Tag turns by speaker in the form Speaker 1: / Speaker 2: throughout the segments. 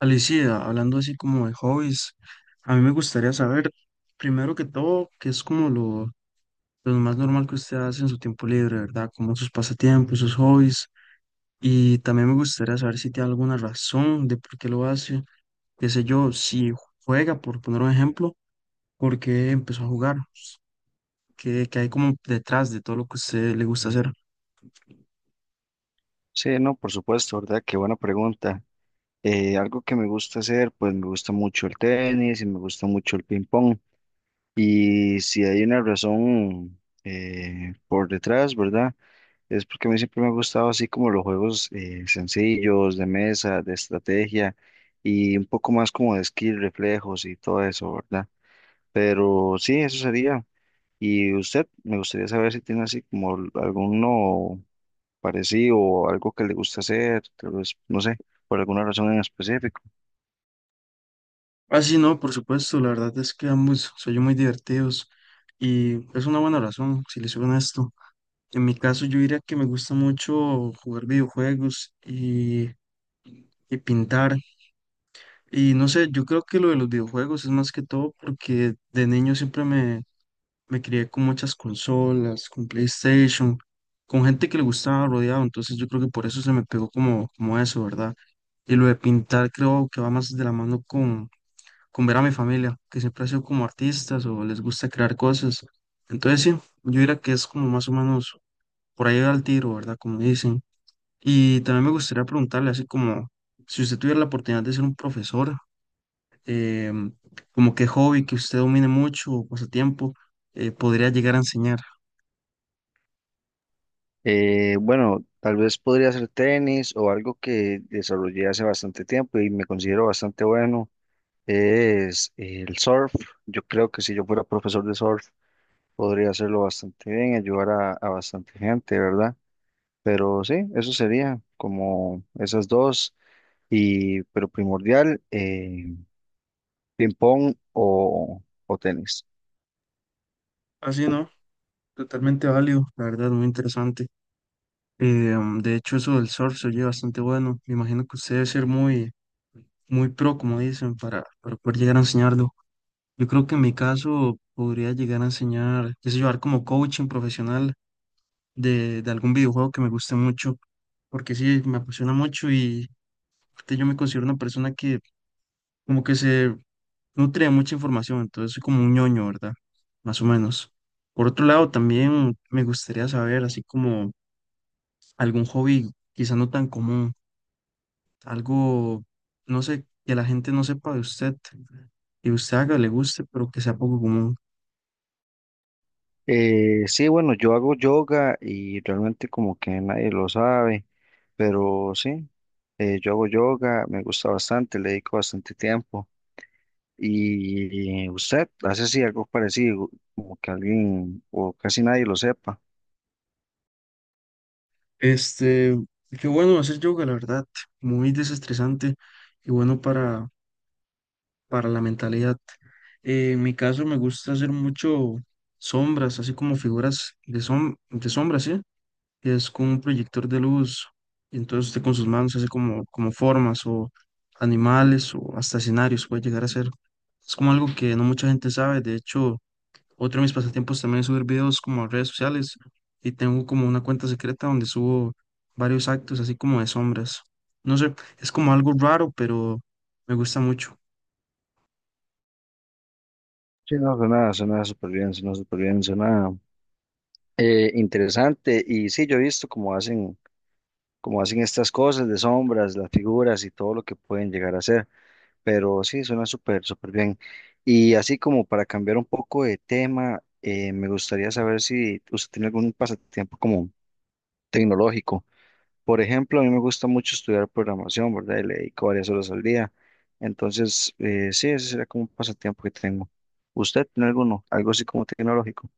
Speaker 1: Alicia, hablando así como de hobbies, a mí me gustaría saber, primero que todo, qué es como lo más normal que usted hace en su tiempo libre, ¿verdad? Como sus pasatiempos, sus hobbies. Y también me gustaría saber si tiene alguna razón de por qué lo hace. Qué sé yo, si juega, por poner un ejemplo, por qué empezó a jugar, qué hay como detrás de todo lo que a usted le gusta hacer.
Speaker 2: Sí, no, por supuesto, ¿verdad? Qué buena pregunta. Algo que me gusta hacer, pues me gusta mucho el tenis y me gusta mucho el ping pong. Y si hay una razón por detrás, ¿verdad? Es porque a mí siempre me ha gustado así como los juegos sencillos, de mesa, de estrategia y un poco más como de skill, reflejos y todo eso, ¿verdad? Pero sí, eso sería. Y usted, me gustaría saber si tiene así como alguno parecido o algo que le gusta hacer, tal vez, no sé, por alguna razón en específico.
Speaker 1: Así no, por supuesto, la verdad es que ambos soy muy divertidos y es una buena razón, si les soy honesto. En mi caso, yo diría que me gusta mucho jugar videojuegos y pintar. Y no sé, yo creo que lo de los videojuegos es más que todo porque de niño siempre me crié con muchas consolas, con PlayStation, con gente que le gustaba rodeado. Entonces yo creo que por eso se me pegó como, como eso, ¿verdad? Y lo de pintar creo que va más de la mano con ver a mi familia, que siempre ha sido como artistas o les gusta crear cosas. Entonces sí, yo diría que es como más o menos por ahí al tiro, ¿verdad? Como dicen. Y también me gustaría preguntarle, así como si usted tuviera la oportunidad de ser un profesor, em, como qué hobby que usted domine mucho o pasatiempo podría llegar a enseñar.
Speaker 2: Bueno, tal vez podría ser tenis o algo que desarrollé hace bastante tiempo y me considero bastante bueno, es el surf. Yo creo que si yo fuera profesor de surf, podría hacerlo bastante bien, ayudar a bastante gente, ¿verdad? Pero sí, eso sería como esas dos, y, pero primordial, ping pong o tenis.
Speaker 1: Así, ¿no? Totalmente válido, la verdad, muy interesante. De hecho, eso del surf se oye bastante bueno. Me imagino que usted debe ser muy, muy pro, como dicen, para poder llegar a enseñarlo. Yo creo que en mi caso podría llegar a enseñar, qué sé yo, dar como coaching profesional de algún videojuego que me guste mucho porque sí, me apasiona mucho y aparte, yo me considero una persona que como que se nutre de mucha información, entonces soy como un ñoño, ¿verdad? Más o menos. Por otro lado, también me gustaría saber, así como algún hobby quizá no tan común, algo, no sé, que la gente no sepa de usted y usted haga, le guste, pero que sea poco común.
Speaker 2: Sí, bueno, yo hago yoga y realmente como que nadie lo sabe, pero sí, yo hago yoga, me gusta bastante, le dedico bastante tiempo. ¿Y usted hace así algo parecido, como que alguien o casi nadie lo sepa?
Speaker 1: Este, qué bueno hacer yoga, la verdad, muy desestresante y bueno para la mentalidad. En mi caso me gusta hacer mucho sombras, así como figuras de, som de sombras, ¿sí? Que es con un proyector de luz. Entonces usted con sus manos hace como, como formas o animales o hasta escenarios puede llegar a ser. Es como algo que no mucha gente sabe. De hecho, otro de mis pasatiempos también es subir videos como a redes sociales y tengo como una cuenta secreta donde subo varios actos así como de sombras. No sé, es como algo raro, pero me gusta mucho.
Speaker 2: Sí, no, suena súper bien, suena súper bien, suena interesante. Y sí, yo he visto cómo hacen estas cosas de sombras, las figuras y todo lo que pueden llegar a hacer. Pero sí, suena súper, súper bien. Y así como para cambiar un poco de tema, me gustaría saber si usted tiene algún pasatiempo como tecnológico. Por ejemplo, a mí me gusta mucho estudiar programación, ¿verdad? Y le dedico varias horas al día. Entonces, sí, ese sería como un pasatiempo que tengo. ¿Usted tiene alguno? Algo así como tecnológico.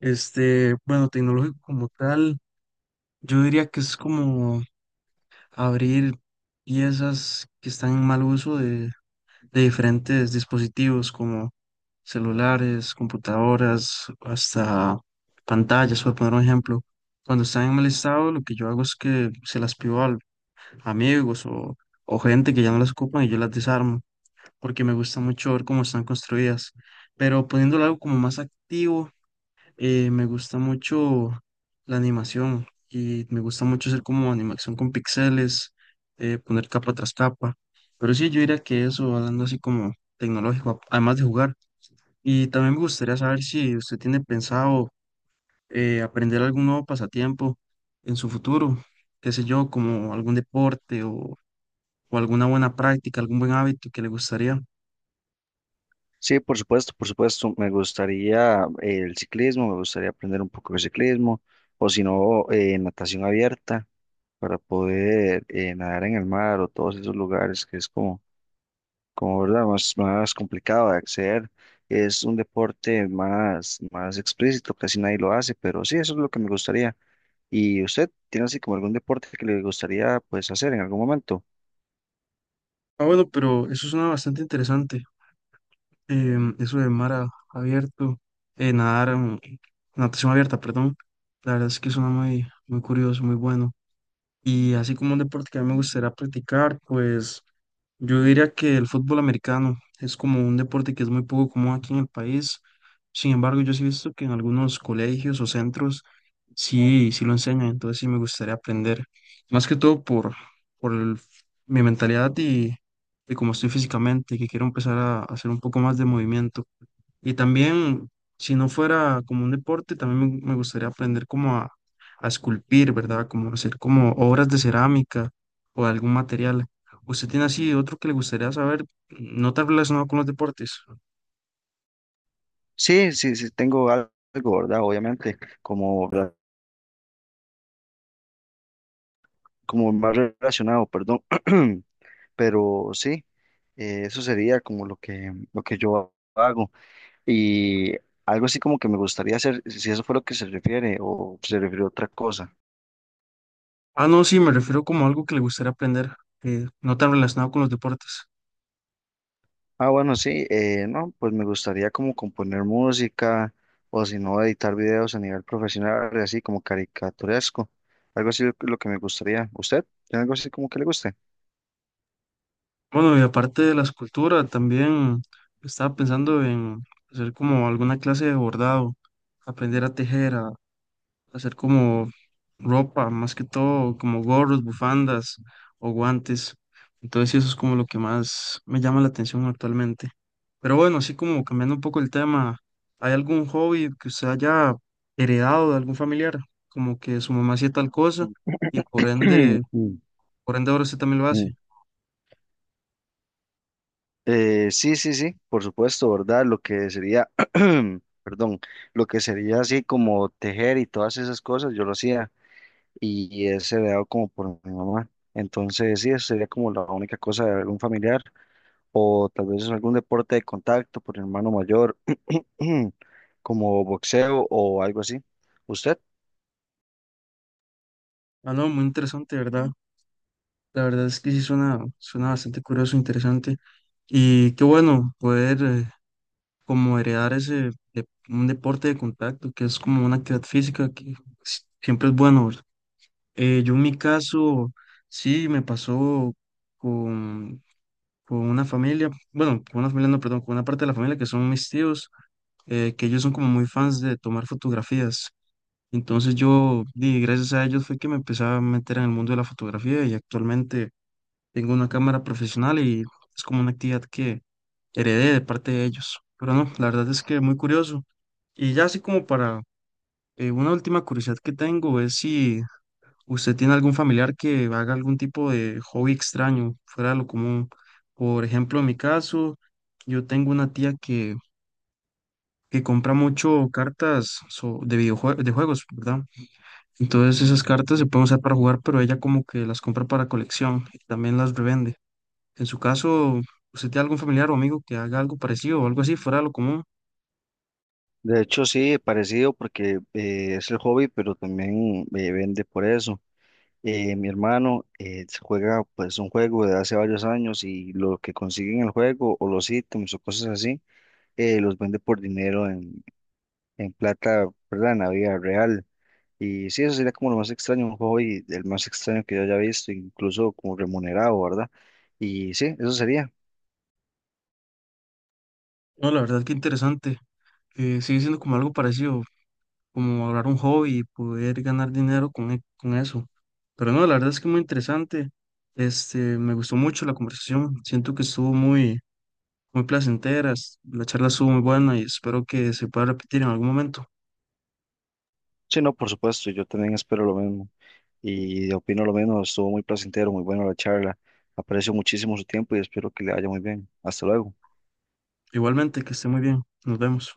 Speaker 1: Este, bueno, tecnológico como tal, yo diría que es como abrir piezas que están en mal uso de diferentes dispositivos como celulares, computadoras, hasta pantallas, por poner un ejemplo. Cuando están en mal estado, lo que yo hago es que se las pido a amigos o gente que ya no las ocupan y yo las desarmo, porque me gusta mucho ver cómo están construidas. Pero poniéndolo algo como más activo. Me gusta mucho la animación y me gusta mucho hacer como animación con píxeles, poner capa tras capa. Pero sí, yo diría que eso, hablando así como tecnológico, además de jugar. Y también me gustaría saber si usted tiene pensado aprender algún nuevo pasatiempo en su futuro, qué sé yo, como algún deporte o alguna buena práctica, algún buen hábito que le gustaría.
Speaker 2: Sí, por supuesto, por supuesto. Me gustaría el ciclismo, me gustaría aprender un poco de ciclismo, o si no, natación abierta. Para poder nadar en el mar o todos esos lugares que es como, como verdad, más complicado de acceder. Es un deporte más explícito, casi nadie lo hace, pero sí, eso es lo que me gustaría. ¿Y usted tiene así como algún deporte que le gustaría pues hacer en algún momento?
Speaker 1: Ah, bueno, pero eso suena bastante interesante. Eso de mar abierto, nadar, natación abierta, perdón, la verdad es que suena muy, muy curioso, muy bueno. Y así como un deporte que a mí me gustaría practicar, pues yo diría que el fútbol americano es como un deporte que es muy poco común aquí en el país. Sin embargo, yo sí he visto que en algunos colegios o centros sí lo enseñan, entonces sí me gustaría aprender. Más que todo por, por el- mi mentalidad y cómo estoy físicamente, que quiero empezar a hacer un poco más de movimiento. Y también, si no fuera como un deporte, también me gustaría aprender como a esculpir, ¿verdad? Como hacer como obras de cerámica o algún material. ¿Usted tiene así otro que le gustaría saber, no tan relacionado con los deportes?
Speaker 2: Sí, sí, sí, tengo algo, ¿verdad? Obviamente, como, como más relacionado, perdón, pero sí, eso sería como lo lo que yo hago. Y algo así como que me gustaría hacer, si eso fue lo que se refiere o se refiere a otra cosa.
Speaker 1: Ah, no, sí, me refiero como a algo que le gustaría aprender, no tan relacionado con los deportes.
Speaker 2: Ah, bueno, sí, no, pues me gustaría como componer música o si no, editar videos a nivel profesional, así como caricaturesco. Algo así lo que me gustaría. ¿Usted tiene algo así como que le guste?
Speaker 1: Bueno, y aparte de la escultura, también estaba pensando en hacer como alguna clase de bordado, aprender a tejer, hacer como ropa, más que todo, como gorros, bufandas o guantes. Entonces, sí, eso es como lo que más me llama la atención actualmente. Pero bueno, así como cambiando un poco el tema, ¿hay algún hobby que usted haya heredado de algún familiar? Como que su mamá hacía tal cosa y por ende,
Speaker 2: Mm,
Speaker 1: por ende ahora usted también lo hace.
Speaker 2: mm. Sí, sí, sí, por supuesto, ¿verdad? Lo que sería, perdón, lo que sería así como tejer y todas esas cosas, yo lo hacía. Y es heredado como por mi mamá. Entonces, sí, eso sería como la única cosa de algún familiar o tal vez algún deporte de contacto por el hermano mayor, como boxeo o algo así. ¿Usted?
Speaker 1: Ah, no, muy interesante, ¿verdad? La verdad es que sí suena, suena bastante curioso, interesante. Y qué bueno poder como heredar un deporte de contacto, que es como una actividad física que siempre es bueno. ¿Verdad? Yo en mi caso, sí, me pasó con, con una familia, bueno, con una familia, no, perdón, con una parte de la familia que son mis tíos, que ellos son como muy fans de tomar fotografías. Entonces gracias a ellos fue que me empecé a meter en el mundo de la fotografía y actualmente tengo una cámara profesional y es como una actividad que heredé de parte de ellos. Pero no, la verdad es que muy curioso. Y ya así como para una última curiosidad que tengo es si usted tiene algún familiar que haga algún tipo de hobby extraño, fuera de lo común. Por ejemplo, en mi caso, yo tengo una tía que compra mucho cartas de videojuegos, de juegos, ¿verdad? Entonces esas cartas se pueden usar para jugar, pero ella como que las compra para colección y también las revende. En su caso, ¿usted tiene algún familiar o amigo que haga algo parecido o algo así, fuera de lo común?
Speaker 2: De hecho, sí, parecido porque es el hobby, pero también vende por eso. Mi hermano juega pues un juego de hace varios años y lo que consigue en el juego o los ítems o cosas así, los vende por dinero en plata, ¿verdad? En la vida real. Y sí, eso sería como lo más extraño, un hobby, el más extraño que yo haya visto, incluso como remunerado, ¿verdad? Y sí, eso sería.
Speaker 1: No, la verdad que interesante sigue siendo como algo parecido. Como hablar un hobby y poder ganar dinero con, con eso. Pero no, la verdad es que muy interesante. Este, me gustó mucho la conversación. Siento que estuvo muy, muy placentera. La charla estuvo muy buena y espero que se pueda repetir en algún momento.
Speaker 2: Sí, no, por supuesto, yo también espero lo mismo y opino lo mismo. Estuvo muy placentero, muy bueno la charla. Aprecio muchísimo su tiempo y espero que le vaya muy bien. Hasta luego.
Speaker 1: Igualmente, que esté muy bien. Nos vemos.